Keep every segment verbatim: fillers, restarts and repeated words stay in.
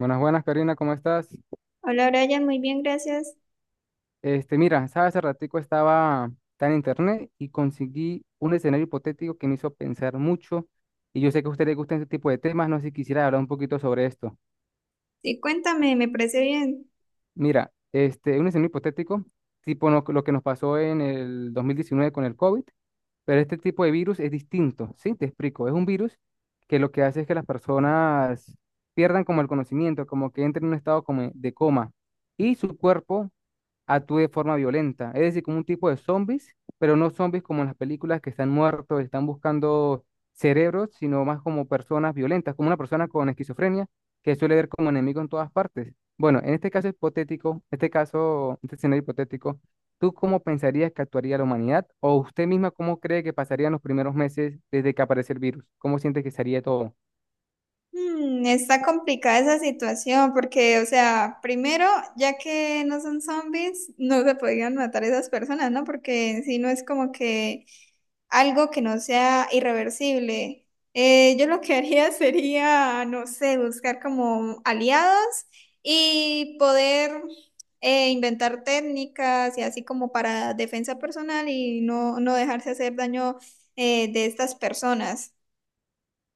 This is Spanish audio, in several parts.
Buenas, buenas, Karina, ¿cómo estás? Hola, Brian, muy bien, gracias. Este, mira, sabes, hace ratico estaba está en internet y conseguí un escenario hipotético que me hizo pensar mucho y yo sé que a usted le gustan este tipo de temas, no sé si quisiera hablar un poquito sobre esto. Sí, cuéntame, me parece bien. Mira, este, un escenario hipotético, tipo lo, lo que nos pasó en el dos mil diecinueve con el COVID, pero este tipo de virus es distinto, ¿sí? Te explico, es un virus que lo que hace es que las personas pierdan como el conocimiento, como que entren en un estado como de coma y su cuerpo actúe de forma violenta. Es decir, como un tipo de zombies, pero no zombies como en las películas que están muertos, están buscando cerebros, sino más como personas violentas, como una persona con esquizofrenia que suele ver como enemigo en todas partes. Bueno, en este caso hipotético, este caso, este escenario hipotético, ¿tú cómo pensarías que actuaría la humanidad? ¿O usted misma cómo cree que pasarían los primeros meses desde que aparece el virus? ¿Cómo siente que sería todo? Mm, está complicada esa situación porque, o sea, primero, ya que no son zombies, no se podían matar esas personas, ¿no? Porque si no es como que algo que no sea irreversible. Eh, yo lo que haría sería, no sé, buscar como aliados y poder eh, inventar técnicas y así como para defensa personal y no, no dejarse hacer daño eh, de estas personas.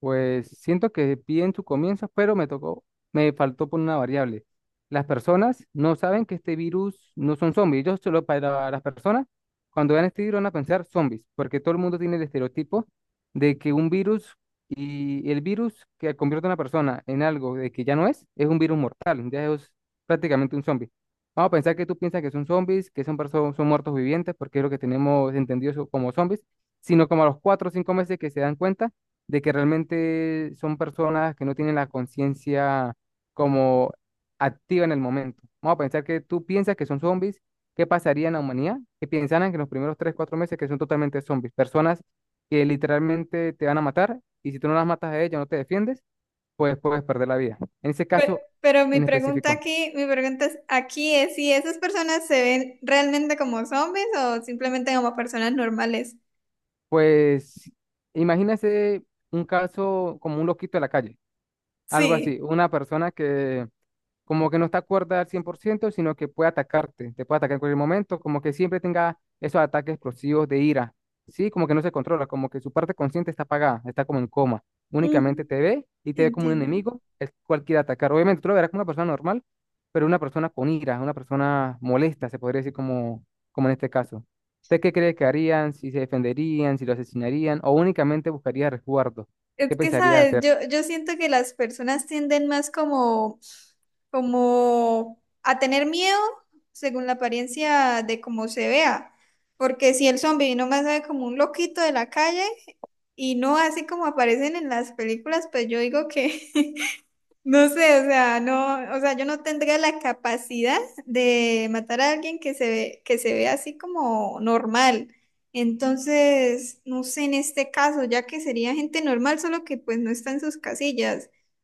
Pues siento que bien su comienzo, pero me tocó, me faltó por una variable. Las personas no saben que este virus no son zombies. Ellos solo para las personas, cuando vean este virus van a pensar zombies, porque todo el mundo tiene el estereotipo de que un virus y el virus que convierte a una persona en algo de que ya no es, es un virus mortal, ya es prácticamente un zombie. Vamos a pensar que tú piensas que son zombies, que son personas, son muertos vivientes, porque es lo que tenemos entendido so- como zombies, sino como a los cuatro o cinco meses que se dan cuenta de que realmente son personas que no tienen la conciencia como activa en el momento. Vamos a pensar que tú piensas que son zombies, ¿qué pasaría en la humanidad? Que pensaran que en los primeros tres cuatro meses que son totalmente zombies, personas que literalmente te van a matar y si tú no las matas a ellas, no te defiendes, pues puedes perder la vida. En ese Pe- caso Pero mi en pregunta específico, aquí, mi pregunta es- aquí es si esas personas se ven realmente como zombies o simplemente como personas normales. pues imagínese un caso como un loquito de la calle, algo así, Sí. una persona que como que no está cuerda al cien por ciento sino que puede atacarte, te puede atacar en cualquier momento, como que siempre tenga esos ataques explosivos de ira, ¿sí? Como que no se controla, como que su parte consciente está apagada, está como en coma, únicamente Mm, te ve y te ve como un entiendo. enemigo, el cual quiere atacar. Obviamente tú lo verás como una persona normal, pero una persona con ira, una persona molesta, se podría decir como, como en este caso. ¿Usted qué cree que harían, si se defenderían, si lo asesinarían o únicamente buscaría resguardo? Es ¿Qué que, pensaría ¿sabes? hacer? Yo, yo siento que las personas tienden más como, como a tener miedo según la apariencia de cómo se vea. Porque si el zombie nomás se ve como un loquito de la calle y no así como aparecen en las películas, pues yo digo que no sé, o sea, no, o sea, yo no tendría la capacidad de matar a alguien que se ve, que se ve así como normal. Entonces, no sé en este caso, ya que sería gente normal, solo que pues no está en sus casillas.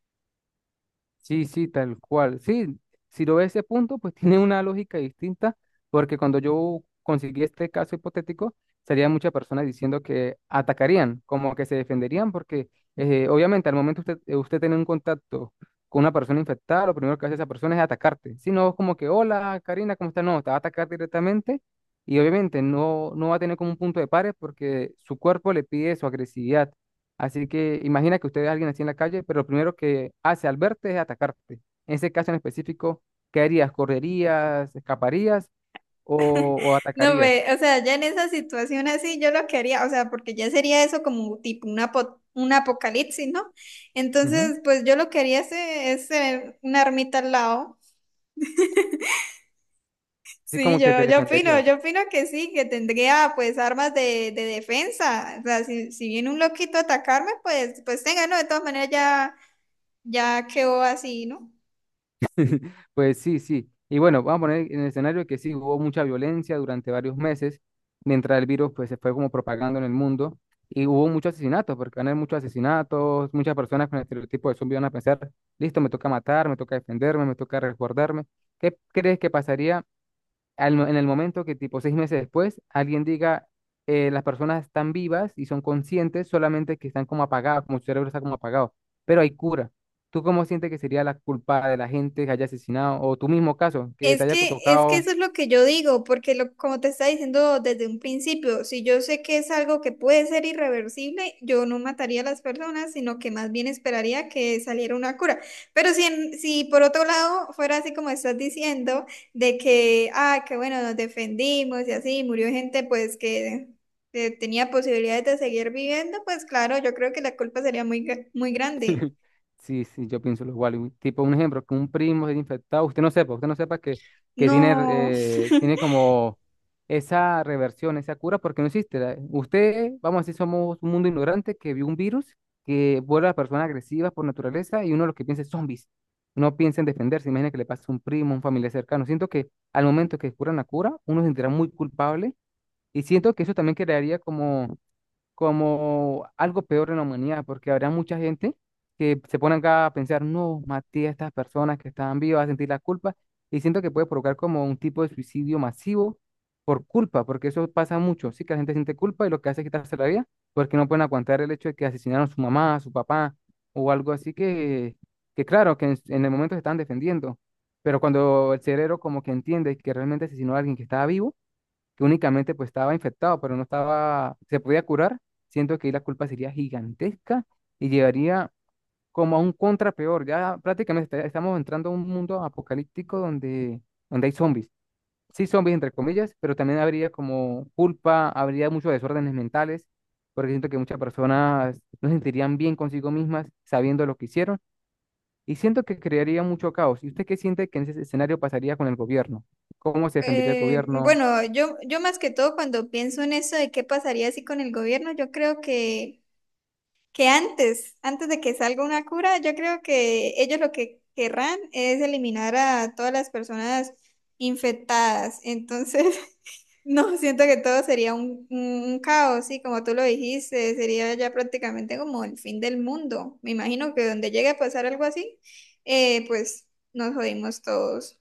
Sí, sí, tal cual. Sí, si lo ves ese punto, pues tiene una lógica distinta, porque cuando yo conseguí este caso hipotético, salían muchas personas diciendo que atacarían, como que se defenderían, porque eh, obviamente al momento usted, eh, usted tiene un contacto con una persona infectada, lo primero que hace esa persona es atacarte. Si no, es como que, hola, Karina, ¿cómo estás? No, te va a atacar directamente y obviamente no, no va a tener como un punto de pares porque su cuerpo le pide su agresividad. Así que imagina que usted ve alguien así en la calle, pero lo primero que hace al verte es atacarte. En ese caso en específico, ¿qué harías? ¿Correrías? ¿Escaparías? ¿O, o No, atacarías? ve, o sea, ya en esa situación así, yo lo que haría, o sea, porque ya sería eso como tipo un apo- un apocalipsis, ¿no? Ujú. Entonces, pues yo lo que haría es, eh, es tener una ermita al lado. Así Sí, como que te yo, yo opino, defenderías. yo opino que sí, que tendría pues armas de, de defensa. O sea, si, si viene un loquito a atacarme, pues, pues tenga, ¿no? De todas maneras ya, ya quedó así, ¿no? Pues sí, sí. Y bueno, vamos a poner en el escenario que sí, hubo mucha violencia durante varios meses, mientras el virus pues se fue como propagando en el mundo. Y hubo muchos asesinatos, porque van a haber muchos asesinatos, muchas personas con el estereotipo de zombie van a pensar, listo, me toca matar, me toca defenderme, me toca resguardarme. ¿Qué crees que pasaría al mo- en el momento que tipo seis meses después alguien diga, eh, las personas están vivas y son conscientes, solamente que están como apagadas, como su cerebro está como apagado, pero hay cura? ¿Tú cómo sientes que sería la culpa de la gente que haya asesinado o tu mismo caso, que Es te haya que, es que tocado? eso es lo que yo digo, porque lo, como te estaba diciendo desde un principio, si yo sé que es algo que puede ser irreversible, yo no mataría a las personas, sino que más bien esperaría que saliera una cura. Pero si, en- si por otro lado fuera así como estás diciendo, de que, ah, que bueno, nos defendimos y así, murió gente pues que eh, tenía posibilidades de seguir viviendo, pues claro, yo creo que la culpa sería muy, gra- muy grande. Sí, sí, yo pienso lo igual. un- Tipo, un ejemplo, que un primo se haya infectado, usted no sepa, usted no sepa que, que tiene, No. eh, tiene como esa reversión, esa cura, porque no existe. la- Usted, vamos a decir, somos un mundo ignorante que vio un virus que vuelve a personas agresivas por naturaleza y uno lo que piensa es zombies. No piensa en defenderse, imagina que le pasa a un primo, un familiar cercano. Siento que al momento que descubran la cura, uno se sentirá muy culpable y siento que eso también crearía como como algo peor en la humanidad, porque habrá mucha gente que se pone acá a pensar, no, maté a estas personas que estaban vivas, a sentir la culpa, y siento que puede provocar como un tipo de suicidio masivo por culpa, porque eso pasa mucho, sí, que la gente siente culpa y lo que hace es quitarse la vida, porque no pueden aguantar el hecho de que asesinaron a su mamá, a su papá, o algo así que, que claro, que en, en el momento se están defendiendo, pero cuando el cerebro como que entiende que realmente asesinó a alguien que estaba vivo, que únicamente pues estaba infectado, pero no estaba, se podía curar, siento que ahí la culpa sería gigantesca y llevaría como a un contra peor. Ya prácticamente está- estamos entrando a un mundo apocalíptico donde, donde hay zombies. Sí, zombies entre comillas, pero también habría como culpa, habría muchos desórdenes mentales, porque siento que muchas personas no se sentirían bien consigo mismas sabiendo lo que hicieron. Y siento que crearía mucho caos. ¿Y usted qué siente que en ese escenario pasaría con el gobierno? ¿Cómo se defendería el Eh, gobierno? Bueno, yo, yo más que todo cuando pienso en eso de qué pasaría así con el gobierno, yo creo que, que antes, antes de que salga una cura, yo creo que ellos lo que querrán es eliminar a todas las personas infectadas. Entonces, no, siento que todo sería un, un un caos, sí, como tú lo dijiste, sería ya prácticamente como el fin del mundo. Me imagino que donde llegue a pasar algo así, eh, pues nos jodimos todos.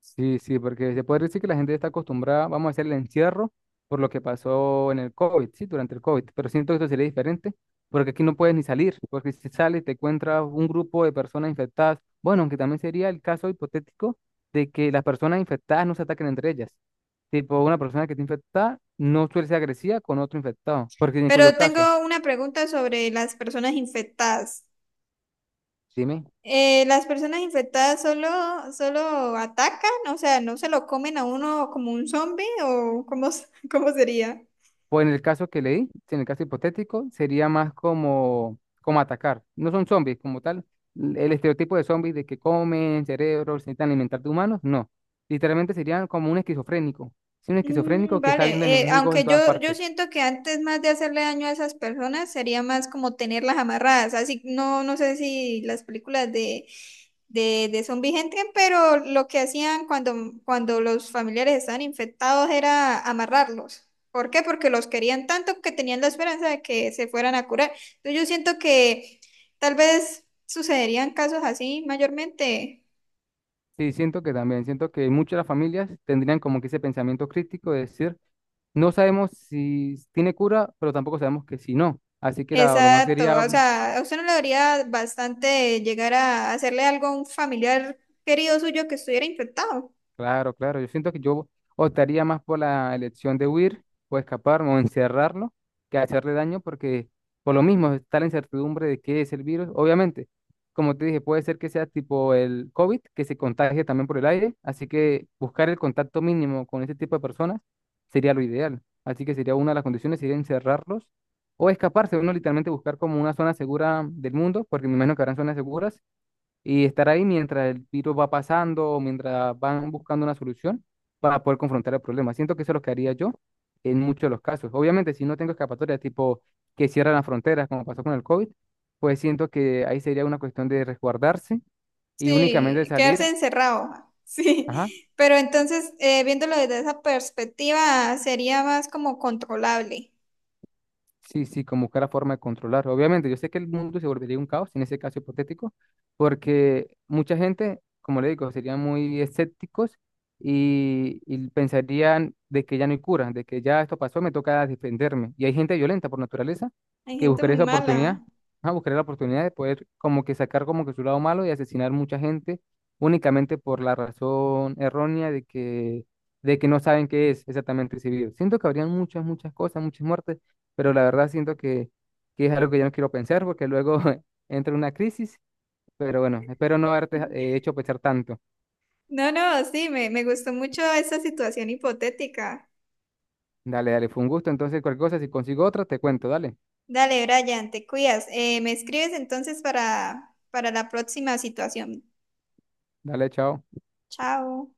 Sí, sí, porque se puede decir que la gente está acostumbrada, vamos a hacer el encierro por lo que pasó en el COVID, sí, durante el COVID, pero siento que esto sería diferente, porque aquí no puedes ni salir, porque si sales te encuentras un grupo de personas infectadas, bueno, aunque también sería el caso hipotético de que las personas infectadas no se ataquen entre ellas, tipo una persona que está infectada no suele ser agresiva con otro infectado, porque en cuyo Pero caso, tengo una pregunta sobre las personas infectadas. dime. Eh, ¿las personas infectadas solo, solo atacan? O sea, ¿no se lo comen a uno como un zombie? ¿O cómo, s- cómo sería? Pues en el caso que leí, si en el caso hipotético, sería más como, como atacar. No son zombies como tal. l- El estereotipo de zombies de que comen cerebros, se intentan alimentar de humanos, no. Literalmente serían como un esquizofrénico. Sí, un Mm, esquizofrénico que está viendo vale, eh, enemigos aunque en todas yo, yo partes. siento que antes más de hacerle daño a esas personas sería más como tenerlas amarradas, así no, no sé si las películas de, de, de zombie entran, pero lo que hacían cuando, cuando los familiares estaban infectados era amarrarlos. ¿Por qué? Porque los querían tanto que tenían la esperanza de que se fueran a curar. Entonces yo siento que tal vez sucederían casos así mayormente. Sí, siento que también, siento que muchas de las familias tendrían como que ese pensamiento crítico de decir, no sabemos si tiene cura, pero tampoco sabemos que si no. Así que la- lo mejor Exacto, sería o sea, a usted no le daría bastante llegar a hacerle algo a un familiar querido suyo que estuviera infectado. claro, claro. Yo siento que yo optaría más por la elección de huir o escapar o encerrarlo que hacerle daño porque por lo mismo está la incertidumbre de qué es el virus. Obviamente, como te dije, puede ser que sea tipo el COVID, que se contagie también por el aire. Así que buscar el contacto mínimo con ese tipo de personas sería lo ideal. Así que sería una de las condiciones, sería encerrarlos o escaparse. Uno literalmente buscar como una zona segura del mundo, porque me imagino que habrán zonas seguras y estar ahí mientras el virus va pasando o mientras van buscando una solución para poder confrontar el problema. Siento que eso es lo que haría yo en muchos de los casos. Obviamente, si no tengo escapatoria, tipo que cierran las fronteras, como pasó con el COVID, pues siento que ahí sería una cuestión de resguardarse y únicamente Sí, quedarse salir, encerrado. ajá, Sí, pero entonces, eh, viéndolo desde esa perspectiva, sería más como controlable. sí, sí, como buscar la forma de controlar. Obviamente, yo sé que el mundo se volvería un caos en ese caso hipotético, porque mucha gente, como le digo, serían muy escépticos y, y pensarían de que ya no hay cura, de que ya esto pasó, me toca defenderme. Y hay gente violenta por naturaleza Hay que gente buscaría muy esa mala. oportunidad, ah, buscaría la oportunidad de poder como que sacar como que su lado malo y asesinar mucha gente únicamente por la razón errónea de que, de que no saben qué es exactamente ese virus. Siento que habrían muchas, muchas cosas, muchas muertes pero la verdad siento que, que es algo que yo no quiero pensar porque luego entra una crisis, pero bueno, espero no haberte eh, hecho pensar tanto. No, no, sí, me, me gustó mucho esa situación hipotética. Dale, dale, fue un gusto, entonces cualquier cosa, si consigo otra, te cuento, dale, Dale, Brian, te cuidas. Eh, me escribes entonces para, para la próxima situación. dale, chao. Chao.